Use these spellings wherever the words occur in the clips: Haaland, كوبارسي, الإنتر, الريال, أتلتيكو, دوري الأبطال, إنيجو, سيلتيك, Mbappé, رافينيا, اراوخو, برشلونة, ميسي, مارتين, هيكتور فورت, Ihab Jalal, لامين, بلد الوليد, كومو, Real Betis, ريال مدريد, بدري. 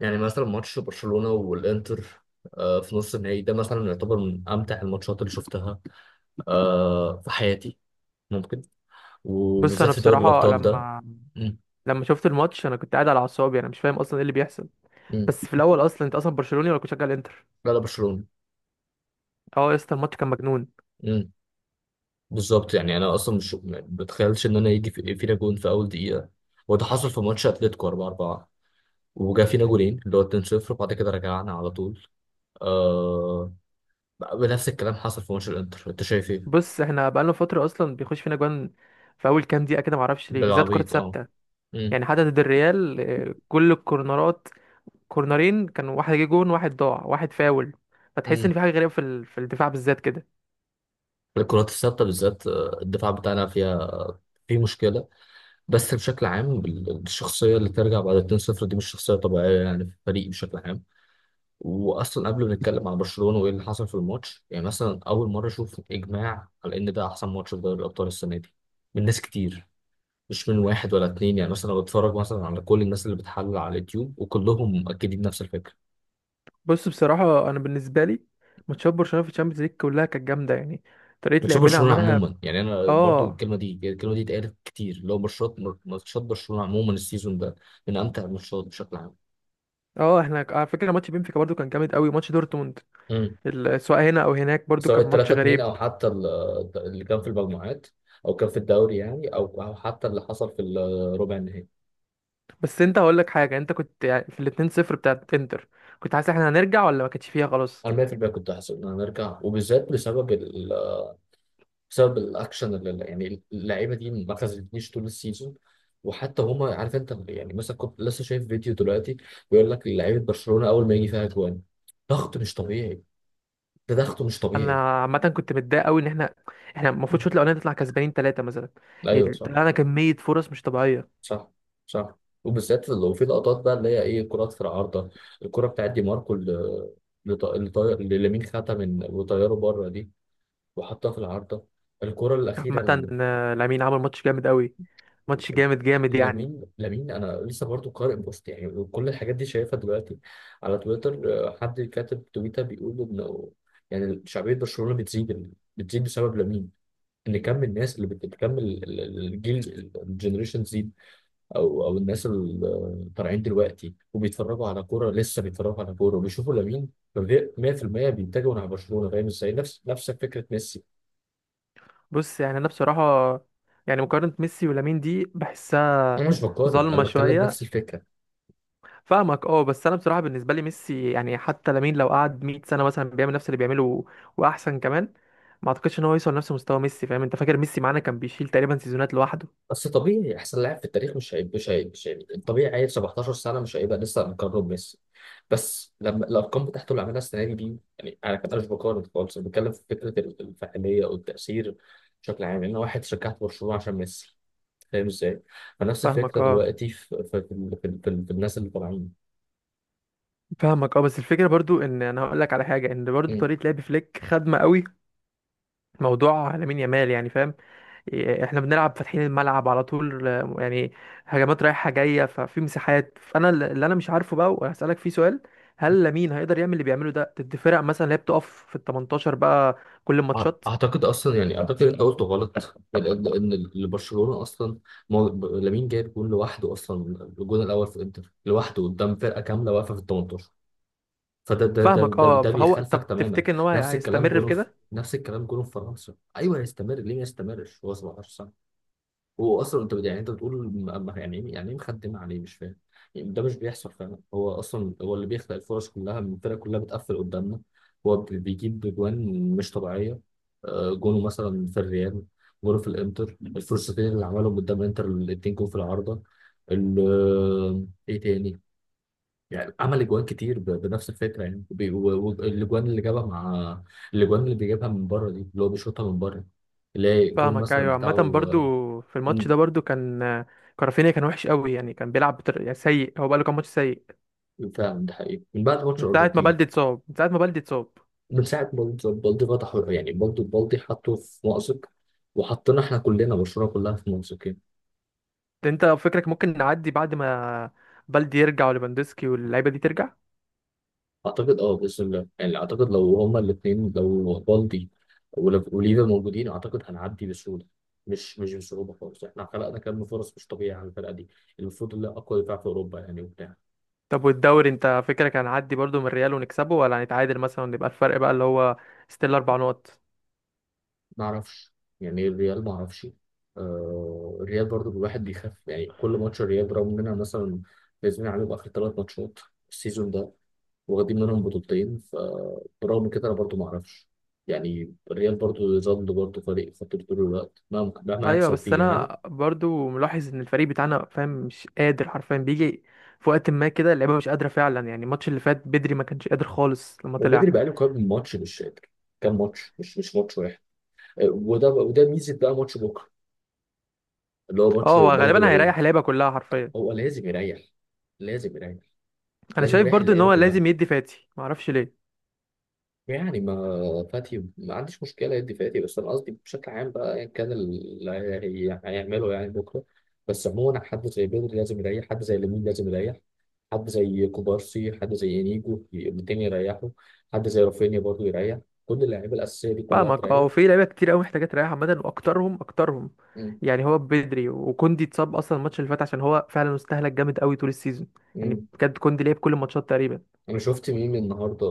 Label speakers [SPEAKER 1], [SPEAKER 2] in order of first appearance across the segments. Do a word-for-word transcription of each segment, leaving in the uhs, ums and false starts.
[SPEAKER 1] يعني مثلا ماتش برشلونة والإنتر، آه، في نص النهائي ده مثلا يعتبر من أمتع الماتشات اللي شفتها، آه، في حياتي. ممكن،
[SPEAKER 2] بص
[SPEAKER 1] وبالذات
[SPEAKER 2] انا
[SPEAKER 1] في دوري
[SPEAKER 2] بصراحه
[SPEAKER 1] الأبطال ده.
[SPEAKER 2] لما
[SPEAKER 1] مم.
[SPEAKER 2] لما شفت الماتش، انا كنت قاعد على اعصابي. انا مش فاهم اصلا ايه اللي بيحصل.
[SPEAKER 1] مم.
[SPEAKER 2] بس في الاول، اصلا انت اصلا برشلوني ولا كنت شغال انتر؟
[SPEAKER 1] لا لا، برشلونة.
[SPEAKER 2] اه يا اسطى، الماتش كان مجنون.
[SPEAKER 1] مم. بالظبط. يعني أنا أصلا مش ما بتخيلش إن أنا يجي في- فينا جون في أول دقيقة. وده حصل في ماتش أتلتيكو اربعة اربعة. وجا فينا جولين اللي هو اتنين صفر، وبعد كده رجعنا على طول. آه بنفس الكلام حصل في ماتش الإنتر. أنت شايف إيه؟
[SPEAKER 2] بص، احنا بقالنا فتره اصلا بيخش فينا جوان في اول كام دقيقه كده، معرفش ليه، بالذات كره
[SPEAKER 1] بالعبيط أه
[SPEAKER 2] ثابته. يعني حتى ضد الريال، آه، كل الكورنرات، كورنرين كان، واحد جه جون، واحد ضاع، واحد فاول. فتحس ان
[SPEAKER 1] مم.
[SPEAKER 2] في حاجه غريبه في ال... في الدفاع بالذات كده.
[SPEAKER 1] الكرات الثابته بالذات آه، الدفاع بتاعنا فيها في مشكله. بس بشكل عام بال- الشخصيه اللي ترجع بعد اثنين صفر دي مش شخصيه طبيعيه، يعني في الفريق بشكل عام. واصلا قبل ما نتكلم عن برشلونه وايه اللي حصل في الماتش، يعني مثلا اول مره اشوف اجماع على ان ده احسن ماتش في دوري الابطال السنه دي، من ناس كتير، مش من واحد ولا اتنين. يعني مثلا بتفرج مثلا على كل الناس اللي بتحلل على اليوتيوب وكلهم مؤكدين نفس الفكره.
[SPEAKER 2] بص بصراحه، انا بالنسبه لي ماتشات برشلونه في الشامبيونز ليج كلها كانت جامده يعني، طريقه
[SPEAKER 1] بتشوف
[SPEAKER 2] لعبنا
[SPEAKER 1] برشلونه
[SPEAKER 2] عملها.
[SPEAKER 1] عموما. يعني انا برضو
[SPEAKER 2] اه.
[SPEAKER 1] الكلمه دي الكلمه دي اتقالت كتير، اللي هو ماتشات ماتشات برشلونه عموما السيزون ده من امتع الماتشات بشكل عام.
[SPEAKER 2] اه احنا ك- على فكره ماتش بنفيكا برضو كان جامد قوي، ماتش دورتموند،
[SPEAKER 1] امم
[SPEAKER 2] ال- سواء هنا او هناك، برضو
[SPEAKER 1] سواء
[SPEAKER 2] كان
[SPEAKER 1] ال
[SPEAKER 2] ماتش
[SPEAKER 1] تلاتة اتنين
[SPEAKER 2] غريب.
[SPEAKER 1] او حتى ال- اللي كان في المجموعات، او كان في الدوري يعني، او او حتى اللي حصل في الربع النهائي.
[SPEAKER 2] بس انت هقول لك حاجه، انت كنت يعني في الاتنين صفر بتاعت انتر كنت حاسس احنا هنرجع ولا ما كانتش فيها خلاص؟
[SPEAKER 1] انا مئة بالمئة كنت هحسب ان انا نرجع، وبالذات بسبب، بسبب الاكشن اللي يعني اللعيبه دي ما خذتنيش طول السيزون. وحتى هما، عارف انت، يعني مثلا كنت لسه شايف فيديو دلوقتي بيقول لك لعيبه برشلونه اول ما يجي فيها جوان ضغط مش طبيعي. ده ضغط مش طبيعي.
[SPEAKER 2] انا عامه كنت متضايق قوي ان احنا احنا المفروض
[SPEAKER 1] م.
[SPEAKER 2] الشوط الاولاني نطلع كسبانين ثلاثه مثلا.
[SPEAKER 1] ايوه
[SPEAKER 2] ال-
[SPEAKER 1] صح.
[SPEAKER 2] طلعنا كميه فرص مش طبيعيه.
[SPEAKER 1] صح. صح. وبالذات لو في لقطات بقى، اللي هي ايه، كرات في العارضه. الكره بتاعت دي ماركو اللي لط- اللي طاير، اللي لامين خدها من وطياره بره دي وحطها في العارضه. الكره الاخيره.
[SPEAKER 2] عامه آه، لامين عمل ماتش جامد قوي، ماتش جامد جامد يعني.
[SPEAKER 1] لامين لامين، انا لسه برضو قارئ بوست، يعني كل الحاجات دي شايفها دلوقتي على تويتر. آه، حد كاتب تويتر بيقول انه يعني شعبيه برشلونه بتزيد بتزيد بسبب لامين. ان كم الناس اللي بت- بتكمل ال- ال- الجيل، الجنريشن زيد. او او الناس اللي طالعين دلوقتي وبيتفرجوا على كوره، لسه بيتفرجوا على كوره وبيشوفوا لامين. فبي- مية بالمية بيتجهوا نحو برشلونه. فاهم ازاي؟ نفس نفس فكره ميسي.
[SPEAKER 2] بص يعني انا بصراحه، يعني مقارنه ميسي ولامين دي بحسها
[SPEAKER 1] انا مش بقارن،
[SPEAKER 2] ظالمه
[SPEAKER 1] انا بتكلم نفس
[SPEAKER 2] شويه.
[SPEAKER 1] الفكره.
[SPEAKER 2] فاهمك اه، بس انا بصراحه بالنسبه لي ميسي يعني، حتى لامين لو قعد مية سنه مثلا بيعمل نفس اللي بيعمله واحسن كمان، ما اعتقدش ان هو يوصل لنفس مستوى ميسي. فاهم؟ انت فاكر ميسي معانا كان بيشيل تقريبا سيزونات لوحده.
[SPEAKER 1] بس طبيعي احسن لاعب في التاريخ مش هيبقى مش هيبقى مش هيبقى طبيعي. عيل سبعتاشر سنه مش هيبقى لسه مقرب ميسي. بس لما الارقام بتاعته اللي عملها السنه دي دي يعني انا كان مش بقارن خالص، انا بتكلم في فكره ال- الفاعليه والتاثير بشكل عام، ان واحد شجعت برشلونه عشان ميسي. فاهم ازاي؟ فنفس
[SPEAKER 2] فاهمك
[SPEAKER 1] الفكره
[SPEAKER 2] اه.
[SPEAKER 1] دلوقتي في في في, في, في, في الناس اللي طالعين.
[SPEAKER 2] فاهمك اه، بس الفكره برضو ان انا هقول لك على حاجه، ان برضو
[SPEAKER 1] مم.
[SPEAKER 2] طريقه لعب فليك خدمه قوي موضوع لامين يامال يعني، فاهم؟ إيه، احنا بنلعب فاتحين الملعب على طول آه، يعني هجمات رايحة جاية، ففي مساحات. فانا ال- اللي انا مش عارفه بقى وهسألك فيه سؤال، هل لامين هيقدر يعمل اللي بيعمله ده ضد فرق مثلا اللي هي بتقف في ال التمنتاشر بقى، كل
[SPEAKER 1] أع-
[SPEAKER 2] الماتشات؟
[SPEAKER 1] اعتقد اصلا، يعني اعتقد انت قلت غلط، ان ان إن برشلونه اصلا، مو- ب- لامين جايب جون لوحده اصلا. الجون الاول في انتر لوحده قدام فرقه كامله واقفه في ال تمنتاشر. فده ده ده
[SPEAKER 2] فاهمك
[SPEAKER 1] ده,
[SPEAKER 2] اه.
[SPEAKER 1] ده
[SPEAKER 2] فهو،
[SPEAKER 1] بيخالفك
[SPEAKER 2] طب
[SPEAKER 1] تماما.
[SPEAKER 2] تفتكر ان هو هي-
[SPEAKER 1] نفس الكلام
[SPEAKER 2] هيستمر في
[SPEAKER 1] جونه في
[SPEAKER 2] كده؟
[SPEAKER 1] نفس الكلام جونه في فرنسا. ايوه، يستمر. ليه ما يستمرش، هو سبعة عشر. هو اصلا انت بت- يعني انت بتقول م- م- يعني ايه، يعني ايه مخدم عليه، مش فاهم. يعني ده مش بيحصل فعلا، هو اصلا هو اللي بيخلق الفرص كلها، الفرقه كلها بتقفل قدامنا. هو بي- بيجيب جوان مش طبيعيه. آه، جونه مثلا في الريال، جونه في الانتر، الفرصتين اللي عملهم قدام الانتر الاتنين، جون في العارضه. ال- آه، ايه تاني. يعني عمل جوان كتير ب- بنفس الفكره يعني، وبي- و- والاجوان اللي جابها مع، الاجوان اللي بيجيبها من بره دي، اللي هو بيشوطها من بره، اللي هي الجون
[SPEAKER 2] فاهمك
[SPEAKER 1] مثلا
[SPEAKER 2] ايوه. عامة برضو
[SPEAKER 1] بتاعه.
[SPEAKER 2] في الماتش ده برضو كان آه، كرافينيا كان وحش قوي يعني، كان بيلعب بطر... يعني سيء، هو بقاله كام ماتش سيء.
[SPEAKER 1] فعلا ده حقيقي من بعد ماتش
[SPEAKER 2] من ساعة ما
[SPEAKER 1] الأرجنتين.
[SPEAKER 2] بلدي اتصاب من ساعة ما بلدي اتصاب
[SPEAKER 1] من ساعة بالدي بالدي فتحوا، يعني برضه بالدي حطه في مأزق، وحطينا احنا كلنا برشلونة كلها في مأزقين.
[SPEAKER 2] انت فكرك ممكن نعدي بعد ما بلدي يرجع وليفاندوسكي واللعيبة دي ترجع؟
[SPEAKER 1] أعتقد أه بإذن الله. يعني أعتقد لو هما الاتنين، لو بالدي ولف- وليفا موجودين، أعتقد هنعدي بسهولة. مش مش بصعوبة خالص. احنا خلقنا كم فرص مش طبيعية على الفرقة دي، المفروض اللي أقوى دفاع في أوروبا يعني وبتاع.
[SPEAKER 2] طب والدوري، انت فكرك هنعدي برضو من الريال ونكسبه ولا هنتعادل مثلا ونبقى الفرق بقى اللي هو ستيل اربع نقط؟
[SPEAKER 1] ما اعرفش، يعني ايه الريال، ما اعرفش. آه الريال برضو الواحد بيخاف، يعني كل ماتش الريال، برغم اننا مثلا فايزين عليهم اخر ثلاث ماتشات السيزون ده، واخدين منهم بطولتين، فبرغم كده انا برضو ما اعرفش. يعني الريال برضو يظل برضو فريق خطير طول الوقت، مهما مهما
[SPEAKER 2] ايوه
[SPEAKER 1] يحصل
[SPEAKER 2] بس
[SPEAKER 1] فيه يعني.
[SPEAKER 2] انا برضو ملاحظ ان الفريق بتاعنا، فاهم، مش قادر حرفيا. بيجي في وقت ما كده اللعيبه مش قادره فعلا، يعني الماتش اللي فات بدري ما كانش قادر خالص لما
[SPEAKER 1] وبدري
[SPEAKER 2] طلع.
[SPEAKER 1] بقاله كام ماتش مش فاكر، كام ماتش، مش مش ماتش واحد. آه، وده وده ميزه بقى ماتش بكره، اللي هو ماتش
[SPEAKER 2] اه هو
[SPEAKER 1] بلد
[SPEAKER 2] غالبا هيريح
[SPEAKER 1] الوليد.
[SPEAKER 2] اللعيبه كلها حرفيا.
[SPEAKER 1] هو لازم يريح، لازم يريح،
[SPEAKER 2] انا
[SPEAKER 1] لازم
[SPEAKER 2] شايف
[SPEAKER 1] يريح
[SPEAKER 2] برضو ان
[SPEAKER 1] اللعيبه
[SPEAKER 2] هو
[SPEAKER 1] كلها.
[SPEAKER 2] لازم يدي فاتي، ما اعرفش ليه.
[SPEAKER 1] يعني ما فاتي، ما عنديش مشكلة يدي فاتي، بس أنا قصدي بشكل عام بقى، أيا كان اللي هي- هيعمله يعني بكرة. بس عموما حد زي بدري لازم يريح، حد زي لامين لازم يريح، حد زي كوبارسي، حد زي إنيجو التاني يريحوا، حد زي رافينيا برضه يريح، كل اللعيبة الأساسية دي كلها
[SPEAKER 2] فاهمك
[SPEAKER 1] تريح.
[SPEAKER 2] اه، في لعيبه كتير قوي محتاجه تريح عامه، واكترهم اكترهم
[SPEAKER 1] مم.
[SPEAKER 2] يعني هو بدري، وكوندي اتصاب اصلا الماتش اللي فات، عشان هو فعلا استهلك جامد قوي طول السيزون. يعني
[SPEAKER 1] مم.
[SPEAKER 2] بجد كوندي لعب كل الماتشات تقريبا.
[SPEAKER 1] أنا شفت ميم النهاردة،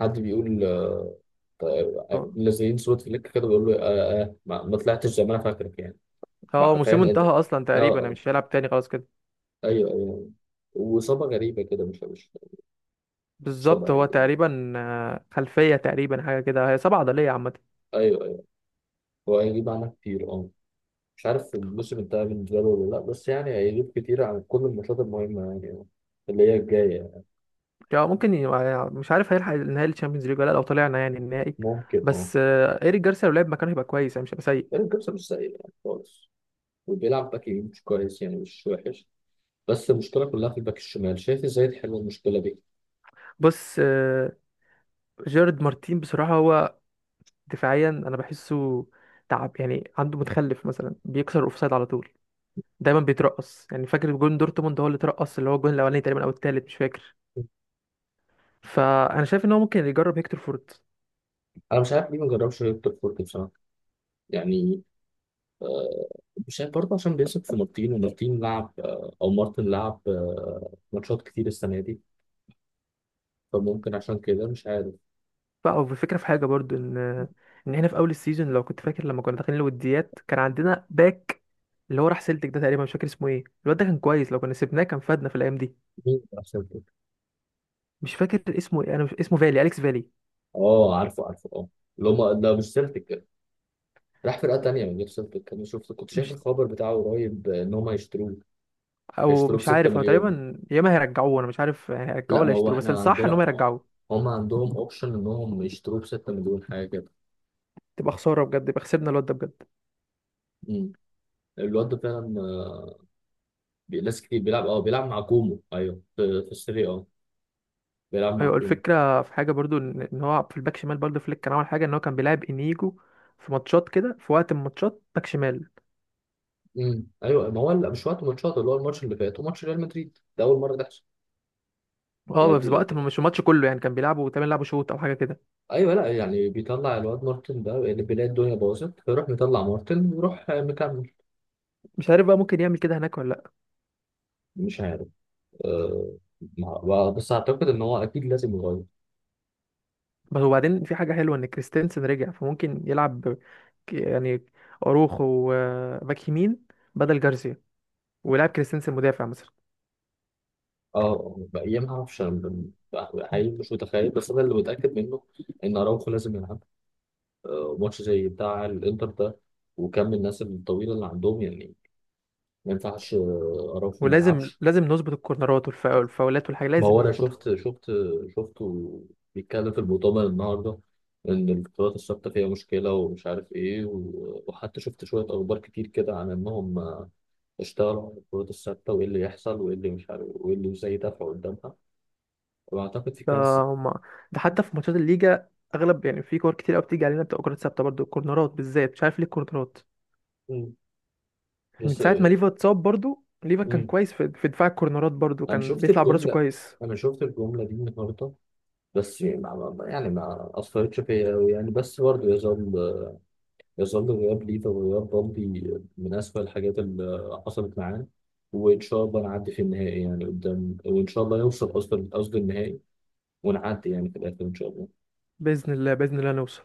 [SPEAKER 1] حد بيقول آه، طيب،
[SPEAKER 2] اه.
[SPEAKER 1] منزلين صورة فليك كده بيقول له آه آه ما ما طلعتش زي ما أنا فاكرك يعني.
[SPEAKER 2] آه،
[SPEAKER 1] بقى
[SPEAKER 2] موسمه
[SPEAKER 1] فاهم
[SPEAKER 2] انتهى
[SPEAKER 1] أنت.
[SPEAKER 2] اصلا تقريبا، انا
[SPEAKER 1] اه.
[SPEAKER 2] مش هيلعب تاني خلاص كده.
[SPEAKER 1] ايوه، ايوه. وإصابة غريبة كده مش مش مش
[SPEAKER 2] بالظبط، هو
[SPEAKER 1] طبيعية.
[SPEAKER 2] تقريبا آه، خلفيه تقريبا، حاجه كده هي سبعه عضليه عامه.
[SPEAKER 1] ايوه، ايوه. هو هيجيب عنها كتير، اه. مش عارف الموسم انتهى بالنسبة له ولا لا، بس يعني هيجيب كتير عن كل الماتشات المهمة يعني، آه، اللي هي الجاية يعني.
[SPEAKER 2] يعني ممكن ي- مش عارف هيلحق النهائي الشامبيونز ليج ولا لأ، لو طلعنا يعني النهائي.
[SPEAKER 1] ممكن، اه.
[SPEAKER 2] بس آه، ايريك جارسيا لو لعب مكانه هيبقى كويس يعني، مش هيبقى
[SPEAKER 1] يعني
[SPEAKER 2] سيء.
[SPEAKER 1] الجبسة مش سيء يعني خالص، وبيلعب باك يمين مش كويس يعني، مش وحش، بس المشكلة كلها في الباك الشمال. شايف ازاي تحل المشكلة دي؟
[SPEAKER 2] بص آه، جيرارد مارتين بصراحه هو دفاعيا انا بحسه تعب يعني، عنده متخلف مثلا، بيكسر الاوفسايد على طول، دايما بيترقص. يعني فاكر جون دورتموند، هو اللي اترقص، اللي هو الجون الاولاني تقريبا او التالت، مش فاكر. فانا شايف ان هو ممكن يجرب هيكتور فورت.
[SPEAKER 1] انا مش عارف ليه ما جربش هيكتور فورت بصراحة. يعني آه، مش عارف برضه، عشان بيثق في مارتين، ومارتين لعب آه، او مارتن لعب آه، ماتشات كتير السنة دي، فممكن عشان كده مش عارف.
[SPEAKER 2] بقى الفكره في حاجه برضو، ان ان احنا في اول السيزون، لو كنت فاكر لما كنا داخلين الوديات، كان عندنا باك اللي هو راح سيلتك ده تقريبا، مش فاكر اسمه ايه، الواد ده كان كويس، لو كنا سيبناه كان فادنا في الايام دي.
[SPEAKER 1] مين راح سيلتيك؟
[SPEAKER 2] مش فاكر اسمه ايه، انا مش اسمه فالي، اليكس فالي.
[SPEAKER 1] اه، عارفه عارفه اه. اللي هم ده مش سيلتيك، راح فرقه تانيه من غير سيلتيك. انا شفت كنت شايف
[SPEAKER 2] مش،
[SPEAKER 1] الخبر بتاعه قريب ان هم هيشتروه.
[SPEAKER 2] او
[SPEAKER 1] هيشتروه ب
[SPEAKER 2] مش
[SPEAKER 1] ستة
[SPEAKER 2] عارف، هو
[SPEAKER 1] مليون.
[SPEAKER 2] تقريبا يا اما هيرجعوه، انا مش عارف هيرجعوه
[SPEAKER 1] لا،
[SPEAKER 2] ولا
[SPEAKER 1] ما هو
[SPEAKER 2] يشتروه، بس
[SPEAKER 1] احنا
[SPEAKER 2] الصح
[SPEAKER 1] عندنا
[SPEAKER 2] ان هم
[SPEAKER 1] آه،
[SPEAKER 2] يرجعوه.
[SPEAKER 1] هم عندهم اوبشن انهم يشتروه ب ست مليون حاجه كده.
[SPEAKER 2] تبقى خساره بجد، يبقى خسرنا الواد ده بجد.
[SPEAKER 1] امم الواد ده فعلا آه، بي- ناس كتير بيلعب اه بيلعب مع كومو، ايوه، في في السيريا اه، بيلعب مع
[SPEAKER 2] ايوه،
[SPEAKER 1] كومو.
[SPEAKER 2] الفكره في حاجه برضو، ان إن هو في الباك شمال، برضو فليك كان عمل حاجه ان هو كان بيلعب انيجو في ماتشات كده، في وقت من الماتشات باك شمال.
[SPEAKER 1] امم ايوه، ما هو لا، مش وقت ماتشات، اللي هو الماتش اللي فات وماتش ريال مدريد ده اول مره تحصل. يعني
[SPEAKER 2] اه بس وقت
[SPEAKER 1] دي
[SPEAKER 2] ما- مش الماتش كله يعني، كان بيلعبوا تمام، لعبوا شوط او حاجه كده.
[SPEAKER 1] ايوه، لا يعني بيطلع الواد مارتن ده اللي بيلاقي الدنيا باظت، فيروح مطلع مارتن ويروح مكمل.
[SPEAKER 2] مش عارف بقى ممكن يعمل كده هناك ولا لا.
[SPEAKER 1] مش عارف، أه مع- بس اعتقد ان هو اكيد لازم يغير.
[SPEAKER 2] بس وبعدين في حاجه حلوه ان كريستنسن رجع، فممكن يلعب ب- ك- يعني اروخو آه، باك يمين بدل جارسيا، ويلعب كريستنسن مدافع مثلا.
[SPEAKER 1] اه بقى ما اعرفش أنا، ب-
[SPEAKER 2] مم.
[SPEAKER 1] حقيقي مش متخيل، بس انا اللي متاكد منه ان اراوخو لازم يلعب. أه ماتش زي بتاع الانتر ده وكم الناس الطويله اللي عندهم يعني، ما ينفعش آه، اراوخو ما
[SPEAKER 2] ولازم
[SPEAKER 1] يلعبش.
[SPEAKER 2] لازم نظبط الكورنرات والفا- والفاولات والحاجة
[SPEAKER 1] ما هو
[SPEAKER 2] لازم
[SPEAKER 1] انا
[SPEAKER 2] نظبطها.
[SPEAKER 1] شفت شفت شفته بيتكلم في المؤتمر النهارده، ان القطارات الثابته فيها مشكله ومش عارف ايه، و- وحتى شفت شويه اخبار كتير كده عن انهم اشتغلوا على القطارات الثابته وايه اللي يحصل وايه اللي مش عارف وايه اللي ازاي يدافعوا قدامها. واعتقد في
[SPEAKER 2] ده،
[SPEAKER 1] كارثه.
[SPEAKER 2] هما، ده حتى في ماتشات الليجا اغلب يعني، في كور كتير قوي بتيجي علينا، بتبقى كورات ثابته برضو، الكورنرات بالذات، مش عارف ليه الكورنرات.
[SPEAKER 1] مم.
[SPEAKER 2] من
[SPEAKER 1] بس
[SPEAKER 2] ساعه ما ليفا اتصاب، برضو ليفا كان
[SPEAKER 1] مم.
[SPEAKER 2] كويس في في دفاع الكورنرات، برضو
[SPEAKER 1] انا
[SPEAKER 2] كان
[SPEAKER 1] شفت
[SPEAKER 2] بيطلع براسه
[SPEAKER 1] الجمله
[SPEAKER 2] كويس.
[SPEAKER 1] انا شفت الجمله دي النهارده. بس ما ما- يعني ما اثرتش فيا أوي يعني. بس برضه يظل يظل غياب ليه، فغياب رمزي، من أسوأ الحاجات اللي حصلت معانا. وإن شاء الله نعدي في النهائي يعني قدام، وإن شاء الله يوصل قصد قصد النهائي، ونعدي يعني في الآخر إن شاء الله.
[SPEAKER 2] باذن الله باذن الله نوصل.